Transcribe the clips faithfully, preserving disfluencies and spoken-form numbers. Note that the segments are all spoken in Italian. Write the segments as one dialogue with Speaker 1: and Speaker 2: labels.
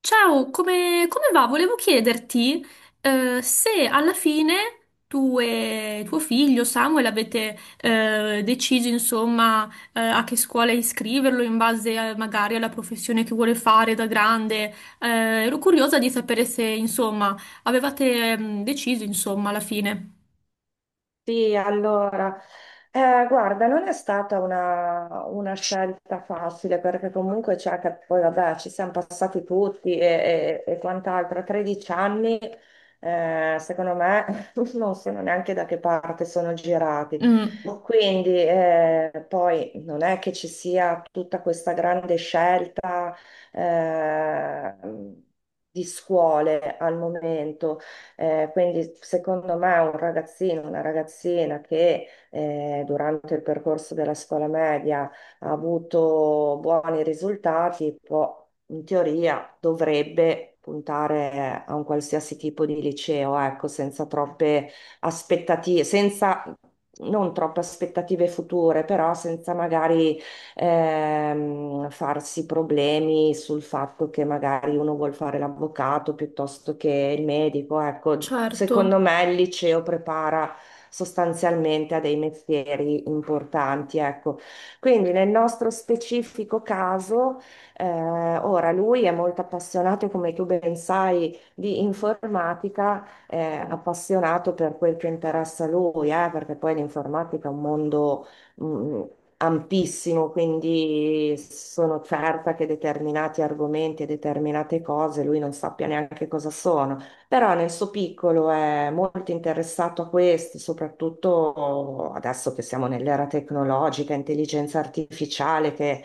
Speaker 1: Ciao, come, come va? Volevo chiederti eh, se alla fine tu e tuo figlio Samuel avete eh, deciso insomma eh, a che scuola iscriverlo in base a- magari alla professione che vuole fare da grande. Eh, Ero curiosa di sapere se insomma avevate mm, deciso insomma alla fine.
Speaker 2: Sì, allora, eh, guarda, non è stata una, una scelta facile, perché comunque c'è che poi vabbè ci siamo passati tutti e, e- e quant'altro. A tredici anni, eh, secondo me non sono neanche da che parte sono girati,
Speaker 1: Mm,
Speaker 2: quindi eh, poi non è che ci sia tutta questa grande scelta eh, di scuole al momento. Eh, quindi secondo me un ragazzino, una ragazzina che eh, durante il percorso della scuola media ha avuto buoni risultati, può, in teoria, dovrebbe puntare eh, a un qualsiasi tipo di liceo, ecco, senza troppe aspettative, senza non troppe aspettative future, però senza magari ehm, farsi problemi sul fatto che magari uno vuol fare l'avvocato piuttosto che il medico. Ecco, secondo
Speaker 1: certo.
Speaker 2: me il liceo prepara sostanzialmente a dei mestieri importanti, ecco. Quindi nel nostro specifico caso, eh, ora lui è molto appassionato, come tu ben sai, di informatica, eh, appassionato per quel che interessa a lui, eh, perché poi l'informatica è un mondo mh, ampissimo, quindi sono certa che determinati argomenti e determinate cose lui non sappia neanche cosa sono, però nel suo piccolo è molto interessato a questo, soprattutto adesso che siamo nell'era tecnologica, intelligenza artificiale che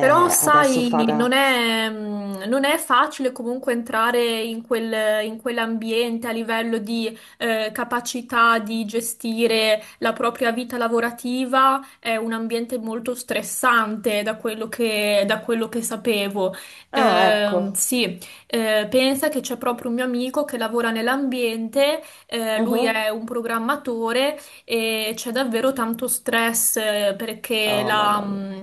Speaker 1: Però,
Speaker 2: adesso fa
Speaker 1: sai,
Speaker 2: da...
Speaker 1: non è, mm, non è facile comunque entrare in quel- in quell'ambiente a livello di eh, capacità di gestire la propria vita lavorativa. È un ambiente molto stressante da quello che, da quello che sapevo.
Speaker 2: Ah,
Speaker 1: Ehm,
Speaker 2: ecco.
Speaker 1: sì, eh, pensa che c'è proprio un mio amico che lavora nell'ambiente, eh, lui
Speaker 2: Mhm.
Speaker 1: è un programmatore e c'è davvero tanto stress eh, perché
Speaker 2: Oh,
Speaker 1: la...
Speaker 2: mamma mia.
Speaker 1: mm,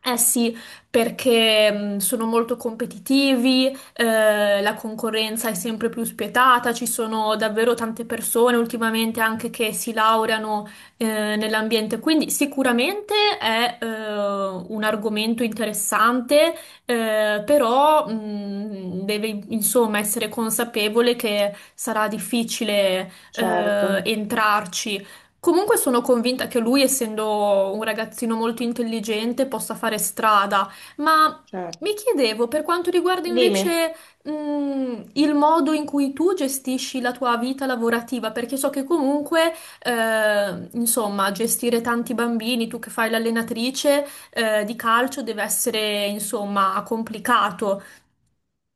Speaker 1: eh sì, perché mh, sono molto competitivi, eh, la concorrenza è sempre più spietata, ci sono davvero tante persone ultimamente anche che si laureano eh, nell'ambiente, quindi sicuramente è eh, un argomento interessante, eh, però mh, deve insomma essere consapevole che sarà difficile eh,
Speaker 2: Certo,
Speaker 1: entrarci. Comunque sono convinta che lui, essendo un ragazzino molto intelligente, possa fare strada. Ma
Speaker 2: certo.
Speaker 1: mi chiedevo, per quanto riguarda
Speaker 2: Dimmi.
Speaker 1: invece, mh, il modo in cui tu gestisci la tua vita lavorativa, perché so che comunque, eh, insomma, gestire tanti bambini, tu che fai l'allenatrice, eh, di calcio, deve essere, insomma, complicato.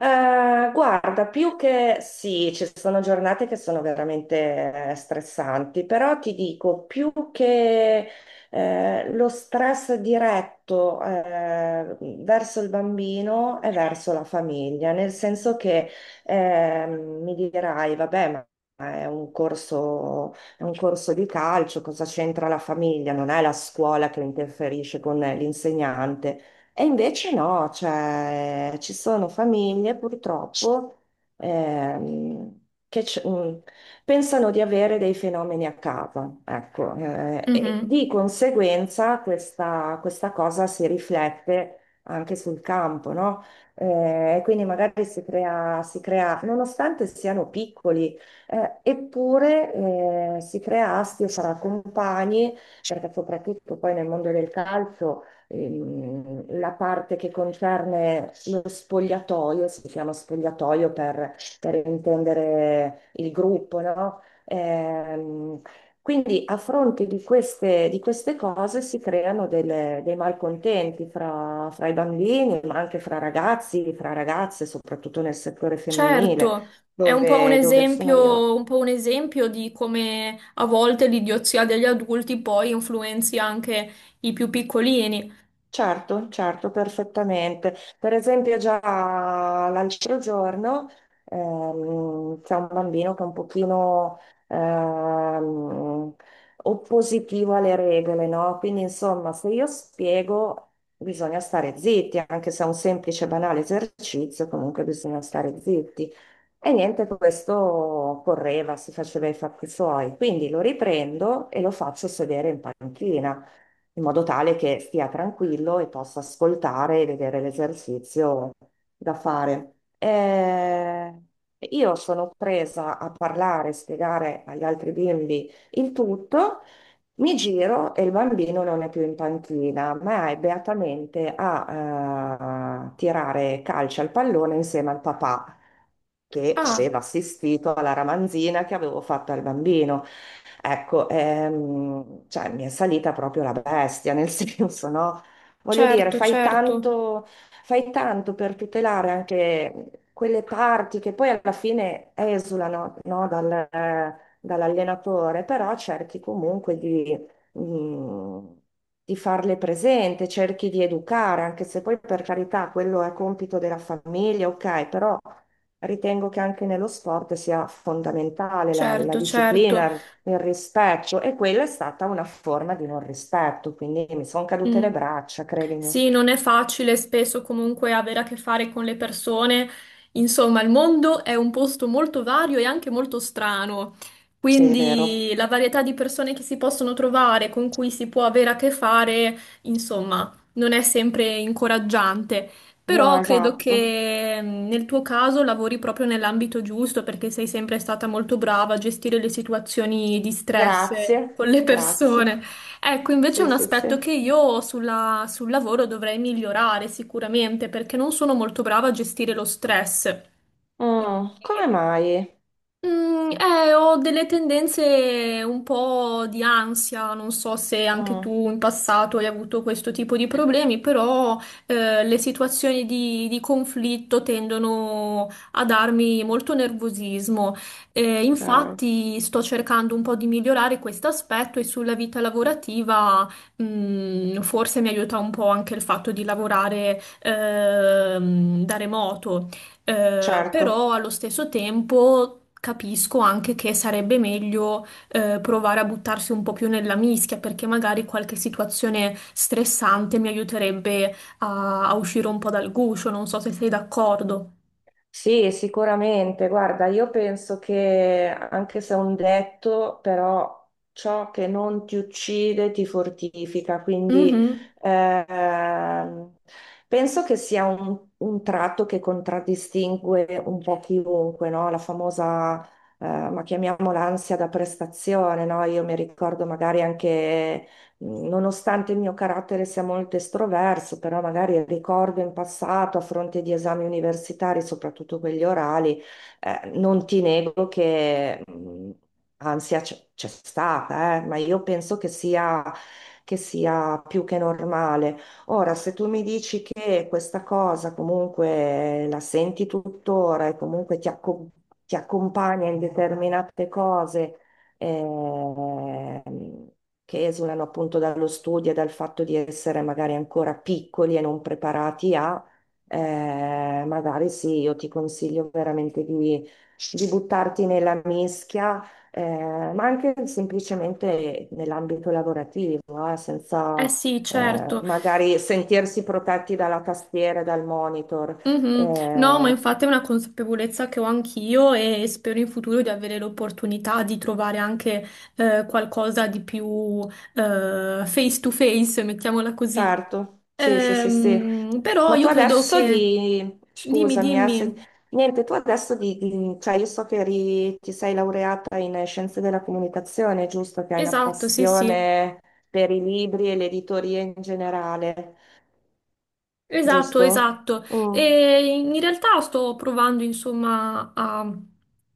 Speaker 2: Eh, guarda, più che sì, ci sono giornate che sono veramente eh, stressanti, però ti dico, più che eh, lo stress diretto eh, verso il bambino è verso la famiglia, nel senso che ehm, mi dirai, vabbè, ma è un corso, è un corso di calcio, cosa c'entra la famiglia? Non è la scuola che interferisce con l'insegnante. E invece no, cioè, ci sono famiglie purtroppo, ehm, che c- mh, pensano di avere dei fenomeni a casa, ecco, eh, e
Speaker 1: Mhm.
Speaker 2: di conseguenza questa, questa cosa si riflette anche sul campo, no? Eh, quindi magari si crea, si crea, nonostante siano piccoli, eh, eppure eh, si crea astio fra compagni, perché soprattutto poi nel mondo del calcio ehm, la parte che concerne lo spogliatoio, si chiama spogliatoio per, per, intendere il gruppo, no? Ehm, quindi, a fronte di queste, di queste cose si creano delle- dei malcontenti fra, fra i bambini, ma anche fra ragazzi, fra ragazze, soprattutto nel settore femminile,
Speaker 1: Certo, è un po' un
Speaker 2: dove, dove sono io.
Speaker 1: esempio, un po' un esempio di come a volte l'idiozia degli adulti poi influenzi anche i più piccolini.
Speaker 2: Certo, certo, perfettamente. Per esempio, già l'altro giorno ehm, c'è un bambino che è un pochino ehm, oppositivo alle regole, no? Quindi, insomma, se io spiego, bisogna stare zitti, anche se è un semplice, banale esercizio, comunque bisogna stare zitti. E niente, questo correva, si faceva i fatti suoi. Quindi lo riprendo e lo faccio sedere in panchina in modo tale che stia tranquillo e possa ascoltare e vedere l'esercizio da fare. Eh, io sono presa a parlare, spiegare agli altri bimbi il tutto. Mi giro e il bambino non è più in panchina, ma è beatamente a eh, tirare calcio al pallone insieme al papà che
Speaker 1: Ah,
Speaker 2: aveva assistito alla ramanzina che avevo fatto al bambino. Ecco, ehm, cioè, mi è salita proprio la bestia, nel senso, no? Voglio dire,
Speaker 1: certo,
Speaker 2: fai
Speaker 1: certo.
Speaker 2: tanto, fai tanto per tutelare anche quelle parti che poi alla fine esulano, no, dal, eh, dall'allenatore, però cerchi comunque di, mm, di farle presente, cerchi di educare, anche se poi per carità quello è compito della famiglia, ok, però ritengo che anche nello sport sia fondamentale la, la
Speaker 1: Certo, certo.
Speaker 2: disciplina, il rispetto, e quella è stata una forma di non rispetto, quindi mi sono cadute
Speaker 1: Mm.
Speaker 2: le braccia, credimi.
Speaker 1: Sì, non è facile spesso comunque avere a che fare con le persone. Insomma, il mondo è un posto molto vario e anche molto strano.
Speaker 2: Sì, è vero.
Speaker 1: Quindi la varietà di persone che si possono trovare, con cui si può avere a che fare, insomma, non è sempre incoraggiante.
Speaker 2: No,
Speaker 1: Però credo
Speaker 2: esatto.
Speaker 1: che mm, nel tuo caso lavori proprio nell'ambito giusto perché sei sempre stata molto brava a gestire le situazioni di stress
Speaker 2: Grazie,
Speaker 1: con le
Speaker 2: grazie.
Speaker 1: persone. Ecco, invece è
Speaker 2: Sì,
Speaker 1: un
Speaker 2: sì,
Speaker 1: aspetto che
Speaker 2: sì.
Speaker 1: io sulla- sul lavoro dovrei migliorare sicuramente perché non sono molto brava a gestire lo stress.
Speaker 2: Mm, come mai?
Speaker 1: Mm, eh, ho delle tendenze un po' di ansia, non so se anche
Speaker 2: Mm,
Speaker 1: tu in passato hai avuto questo tipo di problemi, però eh, le situazioni di, di conflitto tendono a darmi molto nervosismo. Eh,
Speaker 2: ok,
Speaker 1: infatti sto cercando un po' di migliorare questo aspetto e sulla vita lavorativa, mm, forse mi aiuta un po' anche il fatto di lavorare ehm, da remoto. Eh,
Speaker 2: certo.
Speaker 1: però allo stesso tempo capisco anche che sarebbe meglio eh, provare a buttarsi un po' più nella mischia perché magari qualche situazione stressante mi aiuterebbe a, a uscire un po' dal guscio, non so se sei d'accordo.
Speaker 2: Sì, sicuramente. Guarda, io penso che anche se è un detto, però ciò che non ti uccide ti fortifica. Quindi
Speaker 1: Mhm.
Speaker 2: ehm, penso che sia un, un tratto che contraddistingue un po' chiunque, no? La famosa, eh, ma chiamiamola ansia da prestazione, no? Io mi ricordo magari anche Nonostante il mio carattere sia molto estroverso, però magari ricordo in passato, a fronte di esami universitari, soprattutto quelli orali, eh, non ti nego che mh, ansia c'è c'è stata, eh, ma io penso che sia, che sia più che normale. Ora, se tu mi dici che questa cosa comunque la senti tuttora e comunque ti accom- ti accompagna in determinate cose, ehm, che esulano appunto dallo studio e dal fatto di essere magari ancora piccoli e non preparati a, eh, magari sì, io ti consiglio veramente di, di buttarti nella mischia, eh, ma anche semplicemente nell'ambito lavorativo, eh,
Speaker 1: Eh
Speaker 2: senza
Speaker 1: sì,
Speaker 2: eh,
Speaker 1: certo.
Speaker 2: magari sentirsi protetti dalla tastiera e dal monitor.
Speaker 1: Mhm. No, ma
Speaker 2: Eh,
Speaker 1: infatti è una consapevolezza che ho anch'io e spero in futuro di avere l'opportunità di trovare anche eh, qualcosa di più eh, face to face, mettiamola così.
Speaker 2: Certo, sì, sì, sì, sì.
Speaker 1: Ehm, però
Speaker 2: Ma tu
Speaker 1: io credo
Speaker 2: adesso
Speaker 1: che...
Speaker 2: di...
Speaker 1: Dimmi,
Speaker 2: Scusami, eh, se-
Speaker 1: dimmi.
Speaker 2: niente, tu adesso di... di- Cioè, io so che eri- ti sei laureata in eh, scienze della comunicazione, giusto? Che hai una
Speaker 1: Esatto, sì, sì.
Speaker 2: passione per i libri e l'editoria in generale,
Speaker 1: Esatto,
Speaker 2: giusto?
Speaker 1: esatto.
Speaker 2: Mm.
Speaker 1: E in realtà sto provando, insomma, a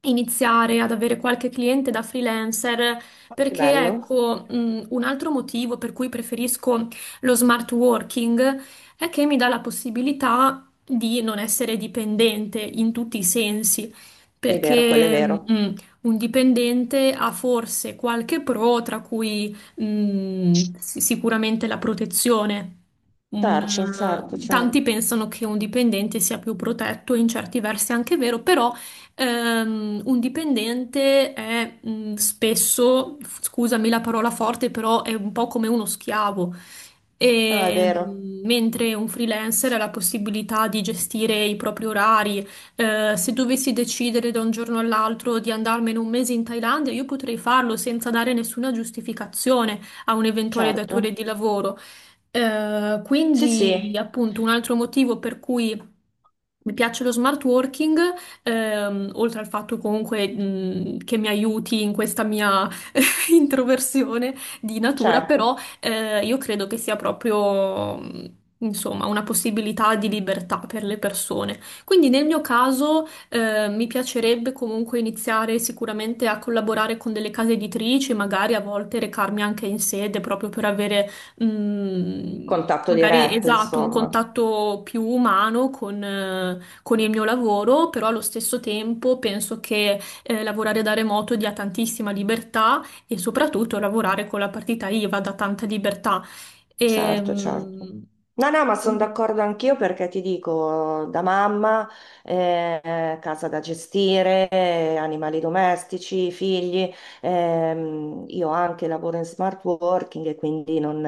Speaker 1: iniziare ad avere qualche cliente da freelancer
Speaker 2: Che
Speaker 1: perché,
Speaker 2: bello.
Speaker 1: ecco, mh, un altro motivo per cui preferisco lo smart working è che mi dà la possibilità di non essere dipendente in tutti i sensi,
Speaker 2: Sì, è vero, quello è
Speaker 1: perché
Speaker 2: vero.
Speaker 1: mh, un dipendente ha forse qualche pro, tra cui Mm, sì- sicuramente la protezione. Un,
Speaker 2: Certo, certo,
Speaker 1: eh, tanti
Speaker 2: certo.
Speaker 1: pensano che un dipendente sia più protetto, in certi versi è anche vero, però ehm, un dipendente è mm, spesso, scusami la parola forte, però è un po' come uno schiavo.
Speaker 2: No, è
Speaker 1: E,
Speaker 2: vero,
Speaker 1: mm, mentre un freelancer ha la possibilità di gestire i propri orari, eh, se dovessi decidere da un giorno all'altro di andarmene un mese in Thailandia, io potrei farlo senza dare nessuna giustificazione a un eventuale
Speaker 2: certo.
Speaker 1: datore di lavoro. Eh,
Speaker 2: Sì,
Speaker 1: quindi,
Speaker 2: sì,
Speaker 1: appunto, un altro motivo per cui mi piace lo smart working, ehm, oltre al fatto comunque, mh, che mi aiuti in questa mia introversione di natura,
Speaker 2: certo.
Speaker 1: però eh, io credo che sia proprio, mh, insomma, una possibilità di libertà per le persone. Quindi nel mio caso eh, mi piacerebbe comunque iniziare sicuramente a collaborare con delle case editrici, magari a volte recarmi anche in sede proprio per avere... mh,
Speaker 2: Contatto
Speaker 1: Magari
Speaker 2: diretto,
Speaker 1: esatto, un
Speaker 2: insomma.
Speaker 1: contatto più umano con, eh, con il mio lavoro, però allo stesso tempo penso che eh, lavorare da remoto dia tantissima libertà e soprattutto lavorare con la partita I V A dà tanta libertà.
Speaker 2: Certo, certo.
Speaker 1: Ehm,
Speaker 2: No, no, ma sono
Speaker 1: quindi,
Speaker 2: d'accordo anch'io, perché ti dico, da mamma, eh, casa da gestire, eh, animali domestici, figli, ehm, io anche lavoro in smart working, e quindi non,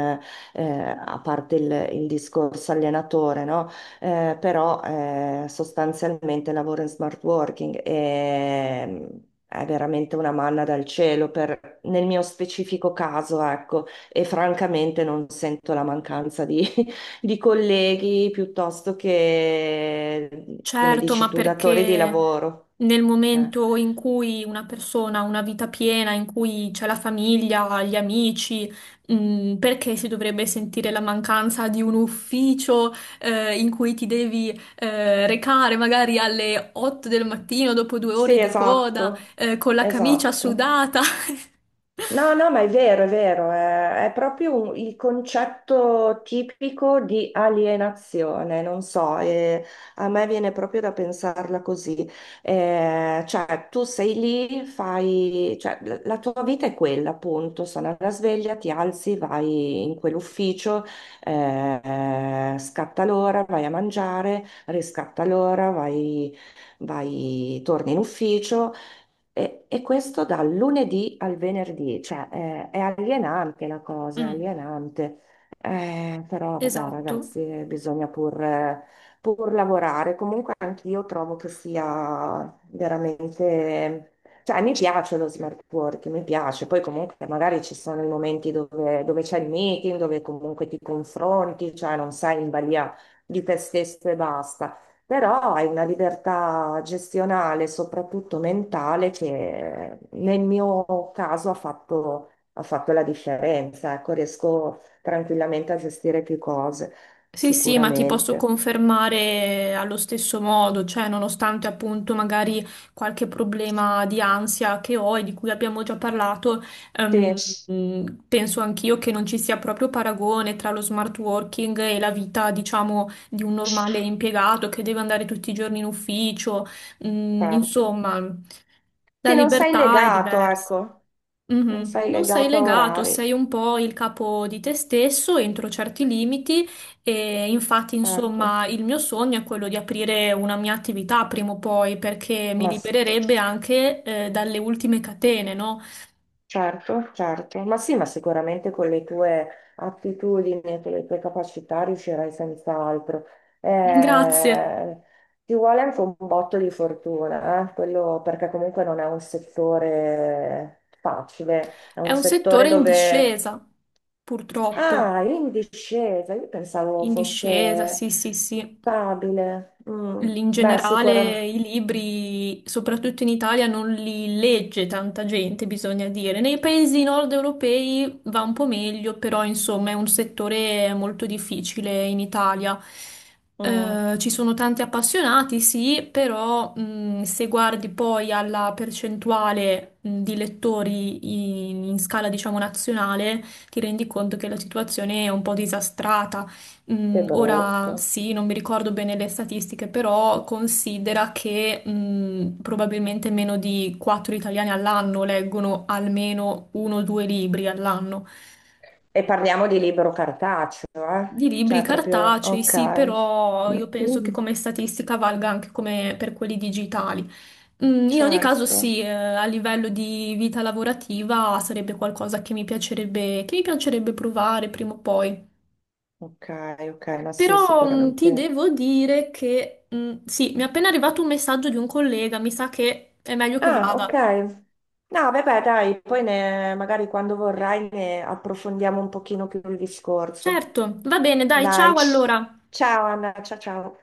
Speaker 2: eh, a parte il, il discorso allenatore, no? Eh, però eh, sostanzialmente lavoro in smart working e... ehm, è veramente una manna dal cielo per, nel mio specifico caso, ecco, e francamente non sento la mancanza di, di colleghi piuttosto che, come
Speaker 1: certo,
Speaker 2: dici
Speaker 1: ma
Speaker 2: tu, datori di
Speaker 1: perché
Speaker 2: lavoro.
Speaker 1: nel
Speaker 2: Eh.
Speaker 1: momento in cui una persona ha una vita piena, in cui c'è la famiglia, gli amici, mm, perché si dovrebbe sentire la mancanza di un ufficio, eh, in cui ti devi, eh, recare magari alle otto del mattino dopo due ore
Speaker 2: Sì,
Speaker 1: di coda,
Speaker 2: esatto,
Speaker 1: eh, con la camicia
Speaker 2: esatto.
Speaker 1: sudata?
Speaker 2: No, no, ma è vero, è vero, è, è proprio un- il concetto tipico di alienazione, non so, eh, a me viene proprio da pensarla così. Eh, cioè, tu sei lì, fai, cioè, la, la tua vita è quella, appunto, sono alla sveglia, ti alzi, vai in quell'ufficio, eh, scatta l'ora, vai a mangiare, riscatta l'ora, vai, vai, torni in ufficio. E, e questo dal lunedì al venerdì, cioè eh, è alienante la cosa, è
Speaker 1: Mm,
Speaker 2: alienante. Eh, però vabbè
Speaker 1: esatto.
Speaker 2: ragazzi, eh, bisogna pur, eh, pur lavorare. Comunque anch'io trovo che sia veramente... Cioè mi piace lo smart working, mi piace. Poi comunque magari ci sono i momenti dove, dove c'è il meeting, dove comunque ti confronti, cioè non sei in balia di te stesso e basta. Però hai una libertà gestionale, soprattutto mentale, che nel mio caso ha fatto, ha fatto la differenza. Ecco, riesco tranquillamente a gestire più cose,
Speaker 1: Sì, sì, ma ti posso
Speaker 2: sicuramente.
Speaker 1: confermare allo stesso modo, cioè nonostante appunto magari qualche problema di ansia che ho e di cui abbiamo già parlato, ehm,
Speaker 2: Sì,
Speaker 1: mh, penso anch'io che non ci sia proprio paragone tra lo smart working e la vita, diciamo, di un normale impiegato che deve andare tutti i giorni in ufficio. Mm,
Speaker 2: certo.
Speaker 1: insomma, la
Speaker 2: Sì, non sei
Speaker 1: libertà è
Speaker 2: legato,
Speaker 1: diversa.
Speaker 2: ecco, non
Speaker 1: Mhm.
Speaker 2: sei
Speaker 1: Non sei
Speaker 2: legato a
Speaker 1: legato, sei
Speaker 2: orari,
Speaker 1: un po' il capo di te stesso entro certi limiti e infatti,
Speaker 2: certo.
Speaker 1: insomma, il mio sogno è quello di aprire una mia attività prima o poi perché mi
Speaker 2: Ma s-
Speaker 1: libererebbe anche eh, dalle ultime catene, no?
Speaker 2: Certo, certo, ma sì, ma sicuramente con le tue attitudini e con le tue capacità riuscirai senz'altro.
Speaker 1: Grazie.
Speaker 2: Eh, Ti vuole anche un botto di fortuna, eh, quello, perché comunque non è un settore facile, è
Speaker 1: È
Speaker 2: un
Speaker 1: un
Speaker 2: settore
Speaker 1: settore in
Speaker 2: dove...
Speaker 1: discesa, purtroppo,
Speaker 2: Ah, è in discesa, io pensavo
Speaker 1: in discesa,
Speaker 2: fosse
Speaker 1: sì, sì, sì.
Speaker 2: stabile. Mm,
Speaker 1: In
Speaker 2: beh,
Speaker 1: generale,
Speaker 2: sicuramente...
Speaker 1: i libri, soprattutto in Italia, non li legge tanta gente, bisogna dire. Nei paesi nord europei va un po' meglio, però insomma è un settore molto difficile in Italia.
Speaker 2: Mm,
Speaker 1: Eh, ci sono tanti appassionati, sì, però mh, se guardi poi alla percentuale mh, di lettori in in scala, diciamo, nazionale, ti rendi conto che la situazione è un po' disastrata.
Speaker 2: che
Speaker 1: Mm, ora
Speaker 2: brutto.
Speaker 1: sì, non mi ricordo bene le statistiche, però considera che mm, probabilmente meno di quattro italiani all'anno leggono almeno uno o due libri all'anno.
Speaker 2: E parliamo di libro cartaceo, eh?
Speaker 1: Di libri
Speaker 2: Cioè proprio,
Speaker 1: cartacei, sì,
Speaker 2: ok.
Speaker 1: però io penso che
Speaker 2: Mm,
Speaker 1: come statistica valga anche come per quelli digitali. Mm, in ogni caso, sì,
Speaker 2: certo.
Speaker 1: eh, a livello di vita lavorativa sarebbe qualcosa che mi piacerebbe, che mi piacerebbe provare prima o poi.
Speaker 2: Ok, ok, ma sì,
Speaker 1: Però mh, ti
Speaker 2: sicuramente.
Speaker 1: devo dire che mh, sì, mi è appena arrivato un messaggio di un collega, mi sa che è meglio che
Speaker 2: Ah, ok.
Speaker 1: vada.
Speaker 2: No, vabbè, dai, poi ne- magari quando vorrai ne approfondiamo un pochino più il discorso.
Speaker 1: Certo, va bene, dai,
Speaker 2: Dai.
Speaker 1: ciao allora.
Speaker 2: Ciao Anna, ciao, ciao.